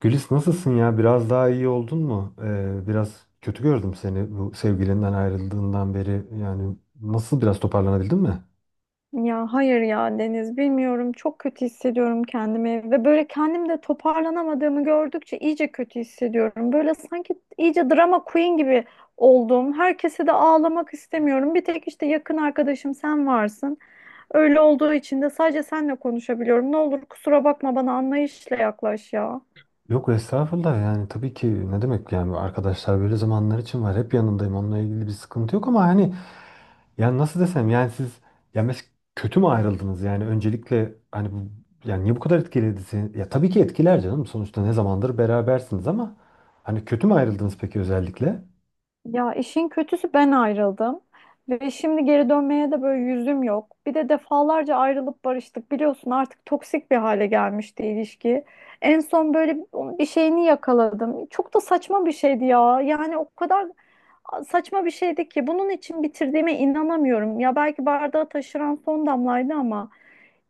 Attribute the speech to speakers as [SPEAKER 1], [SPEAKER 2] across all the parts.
[SPEAKER 1] Gülis nasılsın ya? Biraz daha iyi oldun mu? Biraz kötü gördüm seni bu sevgilinden ayrıldığından beri. Yani nasıl biraz toparlanabildin mi?
[SPEAKER 2] Ya hayır ya Deniz bilmiyorum çok kötü hissediyorum kendimi ve böyle kendimde toparlanamadığımı gördükçe iyice kötü hissediyorum. Böyle sanki iyice drama queen gibi oldum. Herkese de ağlamak istemiyorum. Bir tek işte yakın arkadaşım sen varsın. Öyle olduğu için de sadece senle konuşabiliyorum. Ne olur kusura bakma bana anlayışla yaklaş ya.
[SPEAKER 1] Yok estağfurullah, yani tabii ki ne demek, yani arkadaşlar böyle zamanlar için var. Hep yanındayım, onunla ilgili bir sıkıntı yok ama hani yani nasıl desem yani siz ya mes kötü mü ayrıldınız? Yani öncelikle hani bu yani niye bu kadar etkiledi seni? Ya tabii ki etkiler canım, sonuçta ne zamandır berabersiniz, ama hani kötü mü ayrıldınız peki özellikle?
[SPEAKER 2] Ya işin kötüsü ben ayrıldım ve şimdi geri dönmeye de böyle yüzüm yok. Bir de defalarca ayrılıp barıştık. Biliyorsun artık toksik bir hale gelmişti ilişki. En son böyle bir şeyini yakaladım. Çok da saçma bir şeydi ya. Yani o kadar saçma bir şeydi ki bunun için bitirdiğime inanamıyorum. Ya belki bardağı taşıran son damlaydı ama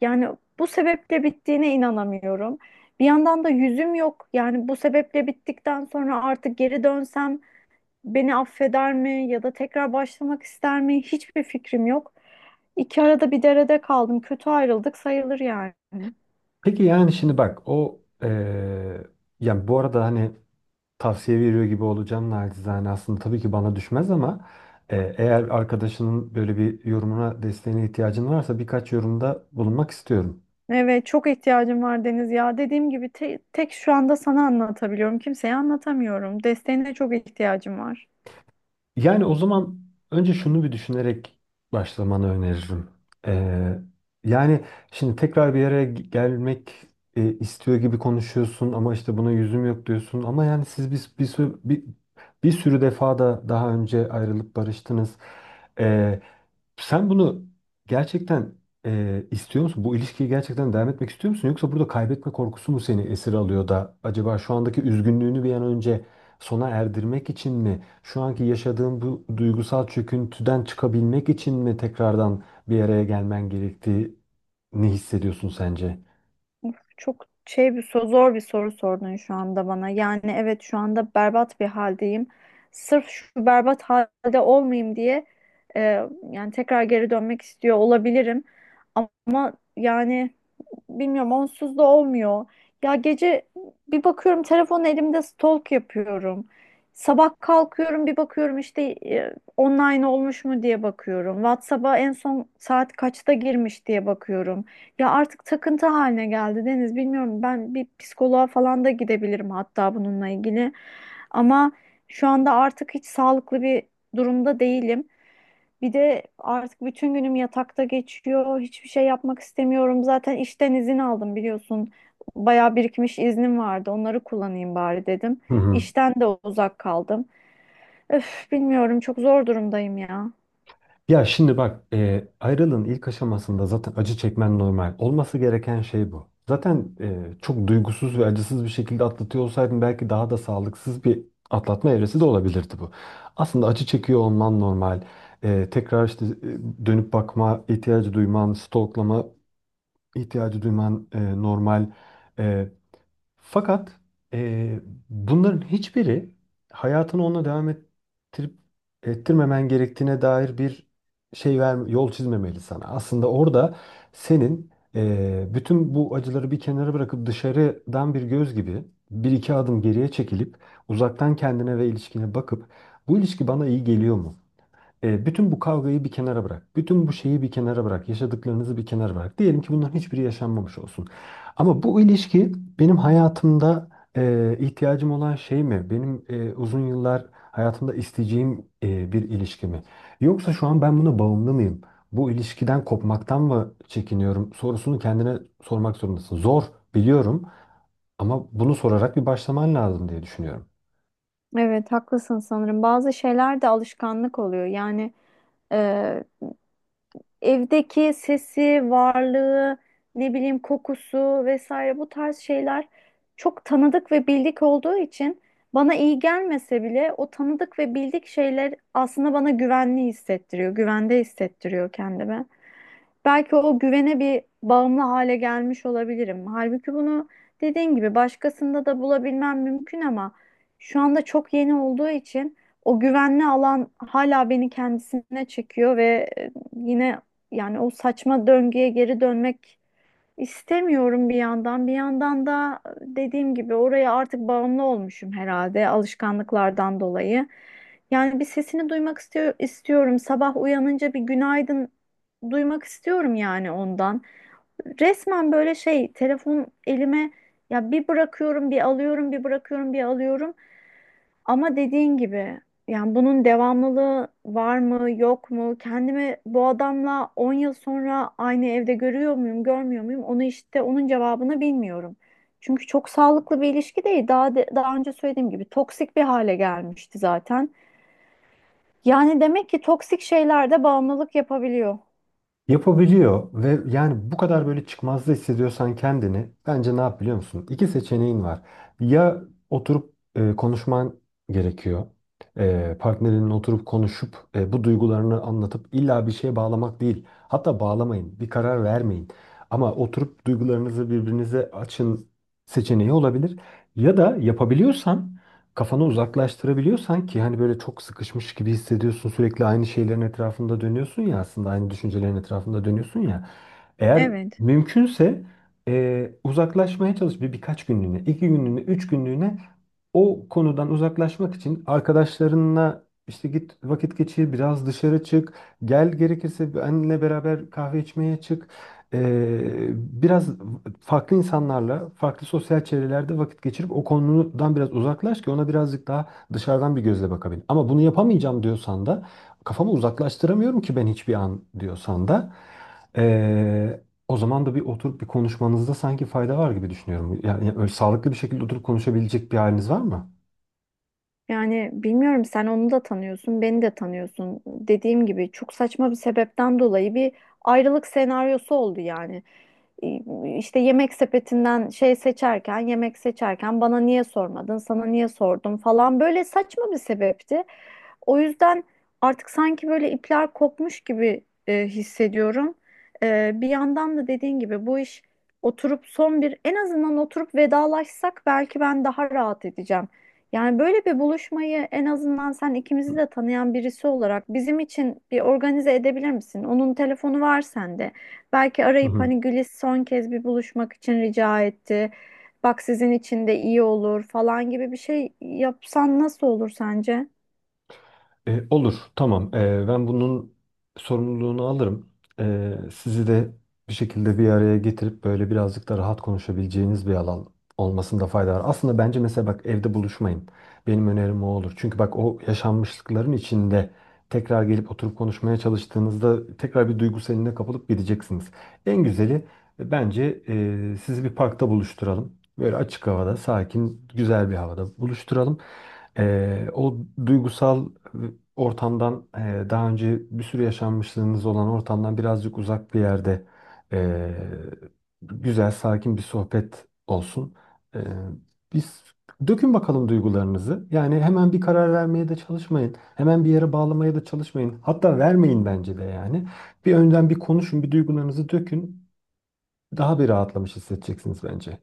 [SPEAKER 2] yani bu sebeple bittiğine inanamıyorum. Bir yandan da yüzüm yok. Yani bu sebeple bittikten sonra artık geri dönsem beni affeder mi ya da tekrar başlamak ister mi? Hiçbir fikrim yok. İki arada bir derede kaldım. Kötü ayrıldık sayılır yani.
[SPEAKER 1] Peki yani şimdi bak o yani bu arada hani tavsiye veriyor gibi olacağım naçizane, aslında tabii ki bana düşmez ama eğer arkadaşının böyle bir yorumuna desteğine ihtiyacın varsa birkaç yorumda bulunmak istiyorum.
[SPEAKER 2] Evet, çok ihtiyacım var Deniz ya. Dediğim gibi tek şu anda sana anlatabiliyorum. Kimseye anlatamıyorum. Desteğine çok ihtiyacım var.
[SPEAKER 1] Yani o zaman önce şunu bir düşünerek başlamanı öneririm. Ee, Yani şimdi tekrar bir araya gelmek istiyor gibi konuşuyorsun ama işte buna yüzüm yok diyorsun. Ama yani siz bir sürü defa da daha önce ayrılıp barıştınız. Ee, Sen bunu gerçekten istiyor musun? Bu ilişkiyi gerçekten devam etmek istiyor musun? Yoksa burada kaybetme korkusu mu seni esir alıyor da acaba şu andaki üzgünlüğünü bir an önce sona erdirmek için mi? Şu anki yaşadığın bu duygusal çöküntüden çıkabilmek için mi tekrardan bir araya gelmen gerektiğini hissediyorsun sence?
[SPEAKER 2] Çok şey bir soru, zor bir soru sordun şu anda bana. Yani evet şu anda berbat bir haldeyim. Sırf şu berbat halde olmayayım diye e, yani tekrar geri dönmek istiyor olabilirim. Ama yani bilmiyorum onsuz da olmuyor. Ya gece bir bakıyorum telefon elimde stalk yapıyorum. Sabah kalkıyorum bir bakıyorum işte online olmuş mu diye bakıyorum. WhatsApp'a en son saat kaçta girmiş diye bakıyorum. Ya artık takıntı haline geldi Deniz. Bilmiyorum ben bir psikoloğa falan da gidebilirim hatta bununla ilgili. Ama şu anda artık hiç sağlıklı bir durumda değilim. Bir de artık bütün günüm yatakta geçiyor. Hiçbir şey yapmak istemiyorum. Zaten işten izin aldım biliyorsun. Bayağı birikmiş iznim vardı. Onları kullanayım bari dedim.
[SPEAKER 1] Hı hı.
[SPEAKER 2] İşten de uzak kaldım. Öf, bilmiyorum çok zor durumdayım ya.
[SPEAKER 1] Ya şimdi bak, ayrılığın ilk aşamasında zaten acı çekmen normal. Olması gereken şey bu. Zaten çok duygusuz ve acısız bir şekilde atlatıyor olsaydın belki daha da sağlıksız bir atlatma evresi de olabilirdi bu. Aslında acı çekiyor olman normal. Tekrar işte dönüp bakma ihtiyacı duyman, stalklama ihtiyacı duyman, normal. E, fakat eee, bunların hiçbiri hayatını onunla devam ettirip ettirmemen gerektiğine dair bir şey verme, yol çizmemeli sana. Aslında orada senin bütün bu acıları bir kenara bırakıp dışarıdan bir göz gibi bir iki adım geriye çekilip uzaktan kendine ve ilişkine bakıp bu ilişki bana iyi geliyor mu? Bütün bu kavgayı bir kenara bırak. Bütün bu şeyi bir kenara bırak. Yaşadıklarınızı bir kenara bırak. Diyelim ki bunların hiçbiri yaşanmamış olsun. Ama bu ilişki benim hayatımda ihtiyacım olan şey mi? Benim uzun yıllar hayatımda isteyeceğim bir ilişki mi? Yoksa şu an ben buna bağımlı mıyım? Bu ilişkiden kopmaktan mı çekiniyorum? Sorusunu kendine sormak zorundasın. Zor biliyorum ama bunu sorarak bir başlaman lazım diye düşünüyorum.
[SPEAKER 2] Evet haklısın sanırım. Bazı şeyler de alışkanlık oluyor. Yani evdeki sesi, varlığı, ne bileyim kokusu vesaire bu tarz şeyler çok tanıdık ve bildik olduğu için bana iyi gelmese bile o tanıdık ve bildik şeyler aslında bana güvenli hissettiriyor, güvende hissettiriyor kendime. Belki o güvene bir bağımlı hale gelmiş olabilirim. Halbuki bunu dediğin gibi başkasında da bulabilmem mümkün ama şu anda çok yeni olduğu için o güvenli alan hala beni kendisine çekiyor ve yine yani o saçma döngüye geri dönmek İstemiyorum bir yandan. Bir yandan da dediğim gibi oraya artık bağımlı olmuşum herhalde alışkanlıklardan dolayı. Yani bir sesini duymak istiyor, istiyorum. Sabah uyanınca bir günaydın duymak istiyorum yani ondan. Resmen böyle şey telefon elime ya bir bırakıyorum bir alıyorum bir bırakıyorum bir alıyorum. Ama dediğin gibi yani bunun devamlılığı var mı yok mu? Kendimi bu adamla 10 yıl sonra aynı evde görüyor muyum görmüyor muyum? Onu işte onun cevabını bilmiyorum. Çünkü çok sağlıklı bir ilişki değil. Daha daha önce söylediğim gibi toksik bir hale gelmişti zaten. Yani demek ki toksik şeyler de bağımlılık yapabiliyor.
[SPEAKER 1] Yapabiliyor ve yani bu kadar böyle çıkmazda hissediyorsan kendini bence ne yap biliyor musun? İki seçeneğin var. Ya oturup konuşman gerekiyor. Partnerinin oturup konuşup bu duygularını anlatıp illa bir şeye bağlamak değil. Hatta bağlamayın, bir karar vermeyin. Ama oturup duygularınızı birbirinize açın seçeneği olabilir. Ya da yapabiliyorsan kafanı uzaklaştırabiliyorsan ki hani böyle çok sıkışmış gibi hissediyorsun, sürekli aynı şeylerin etrafında dönüyorsun ya, aslında aynı düşüncelerin etrafında dönüyorsun ya, eğer
[SPEAKER 2] Evet.
[SPEAKER 1] mümkünse uzaklaşmaya çalış, birkaç günlüğüne, iki günlüğüne, üç günlüğüne o konudan uzaklaşmak için arkadaşlarınla işte git vakit geçir, biraz dışarı çık, gel gerekirse benle beraber kahve içmeye çık. Ee, Biraz farklı insanlarla, farklı sosyal çevrelerde vakit geçirip o konudan biraz uzaklaş ki ona birazcık daha dışarıdan bir gözle bakabilin. Ama bunu yapamayacağım diyorsan da, kafamı uzaklaştıramıyorum ki ben hiçbir an diyorsan da, Ee, o zaman da bir oturup bir konuşmanızda sanki fayda var gibi düşünüyorum. Yani öyle sağlıklı bir şekilde oturup konuşabilecek bir haliniz var mı?
[SPEAKER 2] Yani bilmiyorum sen onu da tanıyorsun, beni de tanıyorsun. Dediğim gibi çok saçma bir sebepten dolayı bir ayrılık senaryosu oldu yani. İşte yemek sepetinden şey seçerken, yemek seçerken bana niye sormadın, sana niye sordum falan böyle saçma bir sebepti. O yüzden artık sanki böyle ipler kopmuş gibi hissediyorum. Bir yandan da dediğin gibi bu iş oturup son bir en azından oturup vedalaşsak belki ben daha rahat edeceğim. Yani böyle bir buluşmayı en azından sen ikimizi de tanıyan birisi olarak bizim için bir organize edebilir misin? Onun telefonu var sende. Belki
[SPEAKER 1] Hı
[SPEAKER 2] arayıp
[SPEAKER 1] hı.
[SPEAKER 2] hani Güliz son kez bir buluşmak için rica etti. Bak sizin için de iyi olur falan gibi bir şey yapsan nasıl olur sence?
[SPEAKER 1] Olur, tamam. Ben bunun sorumluluğunu alırım. Sizi de bir şekilde bir araya getirip böyle birazcık da rahat konuşabileceğiniz bir alan olmasında fayda var. Aslında bence mesela bak, evde buluşmayın. Benim önerim o olur. Çünkü bak, o yaşanmışlıkların içinde tekrar gelip oturup konuşmaya çalıştığınızda tekrar bir duygu seline kapılıp gideceksiniz. En güzeli bence sizi bir parkta buluşturalım. Böyle açık havada, sakin, güzel bir havada buluşturalım. O duygusal ortamdan, daha önce bir sürü yaşanmışlığınız olan ortamdan birazcık uzak bir yerde e, güzel sakin bir sohbet olsun. E, Biz dökün bakalım duygularınızı. Yani hemen bir karar vermeye de çalışmayın. Hemen bir yere bağlamaya da çalışmayın. Hatta vermeyin bence de yani. Bir önden bir konuşun, bir duygularınızı dökün. Daha bir rahatlamış hissedeceksiniz bence.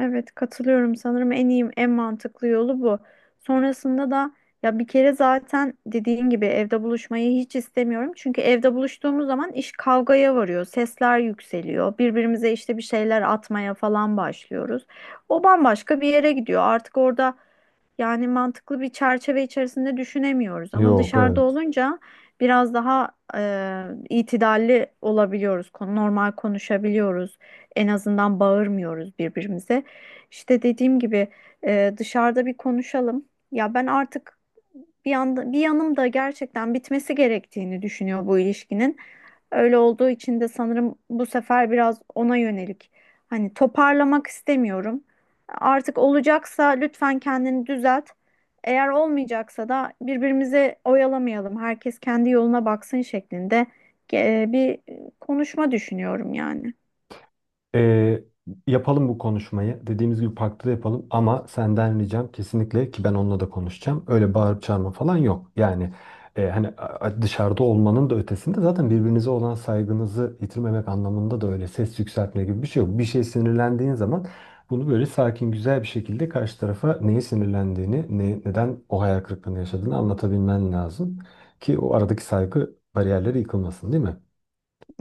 [SPEAKER 2] Evet katılıyorum sanırım en iyi en mantıklı yolu bu. Sonrasında da ya bir kere zaten dediğin gibi evde buluşmayı hiç istemiyorum. Çünkü evde buluştuğumuz zaman iş kavgaya varıyor. Sesler yükseliyor. Birbirimize işte bir şeyler atmaya falan başlıyoruz. O bambaşka bir yere gidiyor. Artık orada yani mantıklı bir çerçeve içerisinde düşünemiyoruz ama
[SPEAKER 1] Yok,
[SPEAKER 2] dışarıda
[SPEAKER 1] evet.
[SPEAKER 2] olunca biraz daha e, itidalli olabiliyoruz. Normal konuşabiliyoruz. En azından bağırmıyoruz birbirimize. İşte dediğim gibi dışarıda bir konuşalım. Ya ben artık bir yanda, bir yanım da gerçekten bitmesi gerektiğini düşünüyor bu ilişkinin. Öyle olduğu için de sanırım bu sefer biraz ona yönelik. Hani toparlamak istemiyorum. Artık olacaksa lütfen kendini düzelt. Eğer olmayacaksa da birbirimizi oyalamayalım. Herkes kendi yoluna baksın şeklinde bir konuşma düşünüyorum yani.
[SPEAKER 1] Ee, Yapalım bu konuşmayı. Dediğimiz gibi parkta da yapalım ama senden ricam kesinlikle ki ben onunla da konuşacağım, öyle bağırıp çağırma falan yok. Yani hani, dışarıda olmanın da ötesinde zaten birbirinize olan saygınızı yitirmemek anlamında da öyle ses yükseltme gibi bir şey yok. Bir şey sinirlendiğin zaman bunu böyle sakin güzel bir şekilde karşı tarafa neye sinirlendiğini, neden o hayal kırıklığını yaşadığını anlatabilmen lazım ki o aradaki saygı bariyerleri yıkılmasın, değil mi?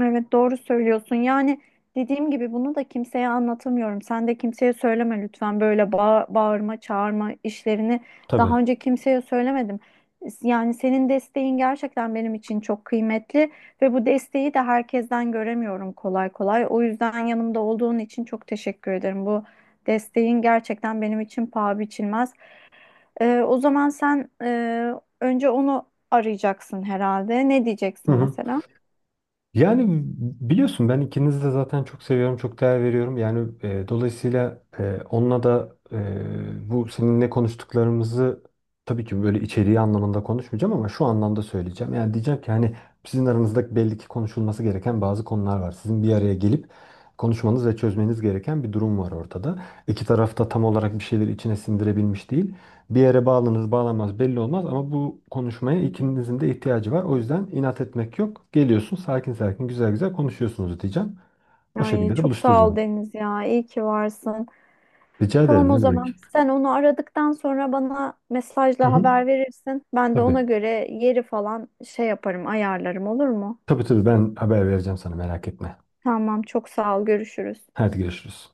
[SPEAKER 2] Evet doğru söylüyorsun. Yani dediğim gibi bunu da kimseye anlatamıyorum. Sen de kimseye söyleme lütfen böyle bağırma, çağırma işlerini
[SPEAKER 1] Tabii.
[SPEAKER 2] daha önce kimseye söylemedim. Yani senin desteğin gerçekten benim için çok kıymetli ve bu desteği de herkesten göremiyorum kolay kolay. O yüzden yanımda olduğun için çok teşekkür ederim. Bu desteğin gerçekten benim için paha biçilmez. O zaman sen önce onu arayacaksın herhalde. Ne
[SPEAKER 1] Hı
[SPEAKER 2] diyeceksin
[SPEAKER 1] hı.
[SPEAKER 2] mesela?
[SPEAKER 1] Yani biliyorsun ben ikinizi de zaten çok seviyorum, çok değer veriyorum. Yani dolayısıyla onunla da bu seninle konuştuklarımızı tabii ki böyle içeriği anlamında konuşmayacağım ama şu anlamda söyleyeceğim. Yani diyeceğim ki hani sizin aranızda belli ki konuşulması gereken bazı konular var. Sizin bir araya gelip konuşmanız ve çözmeniz gereken bir durum var ortada. İki taraf da tam olarak bir şeyleri içine sindirebilmiş değil. Bir yere bağlanır bağlanmaz belli olmaz ama bu konuşmaya ikinizin de ihtiyacı var. O yüzden inat etmek yok. Geliyorsun, sakin sakin güzel güzel konuşuyorsunuz diyeceğim. O
[SPEAKER 2] Ay
[SPEAKER 1] şekilde de
[SPEAKER 2] çok sağ ol
[SPEAKER 1] buluşturacağım.
[SPEAKER 2] Deniz ya. İyi ki varsın.
[SPEAKER 1] Rica
[SPEAKER 2] Tamam
[SPEAKER 1] ederim,
[SPEAKER 2] o
[SPEAKER 1] ne demek.
[SPEAKER 2] zaman. Sen onu aradıktan sonra bana
[SPEAKER 1] Hı
[SPEAKER 2] mesajla
[SPEAKER 1] hı.
[SPEAKER 2] haber verirsin. Ben de ona
[SPEAKER 1] Tabii.
[SPEAKER 2] göre yeri falan şey yaparım, ayarlarım olur mu?
[SPEAKER 1] Tabii tabii, ben haber vereceğim sana, merak etme.
[SPEAKER 2] Tamam çok sağ ol. Görüşürüz.
[SPEAKER 1] Hadi görüşürüz.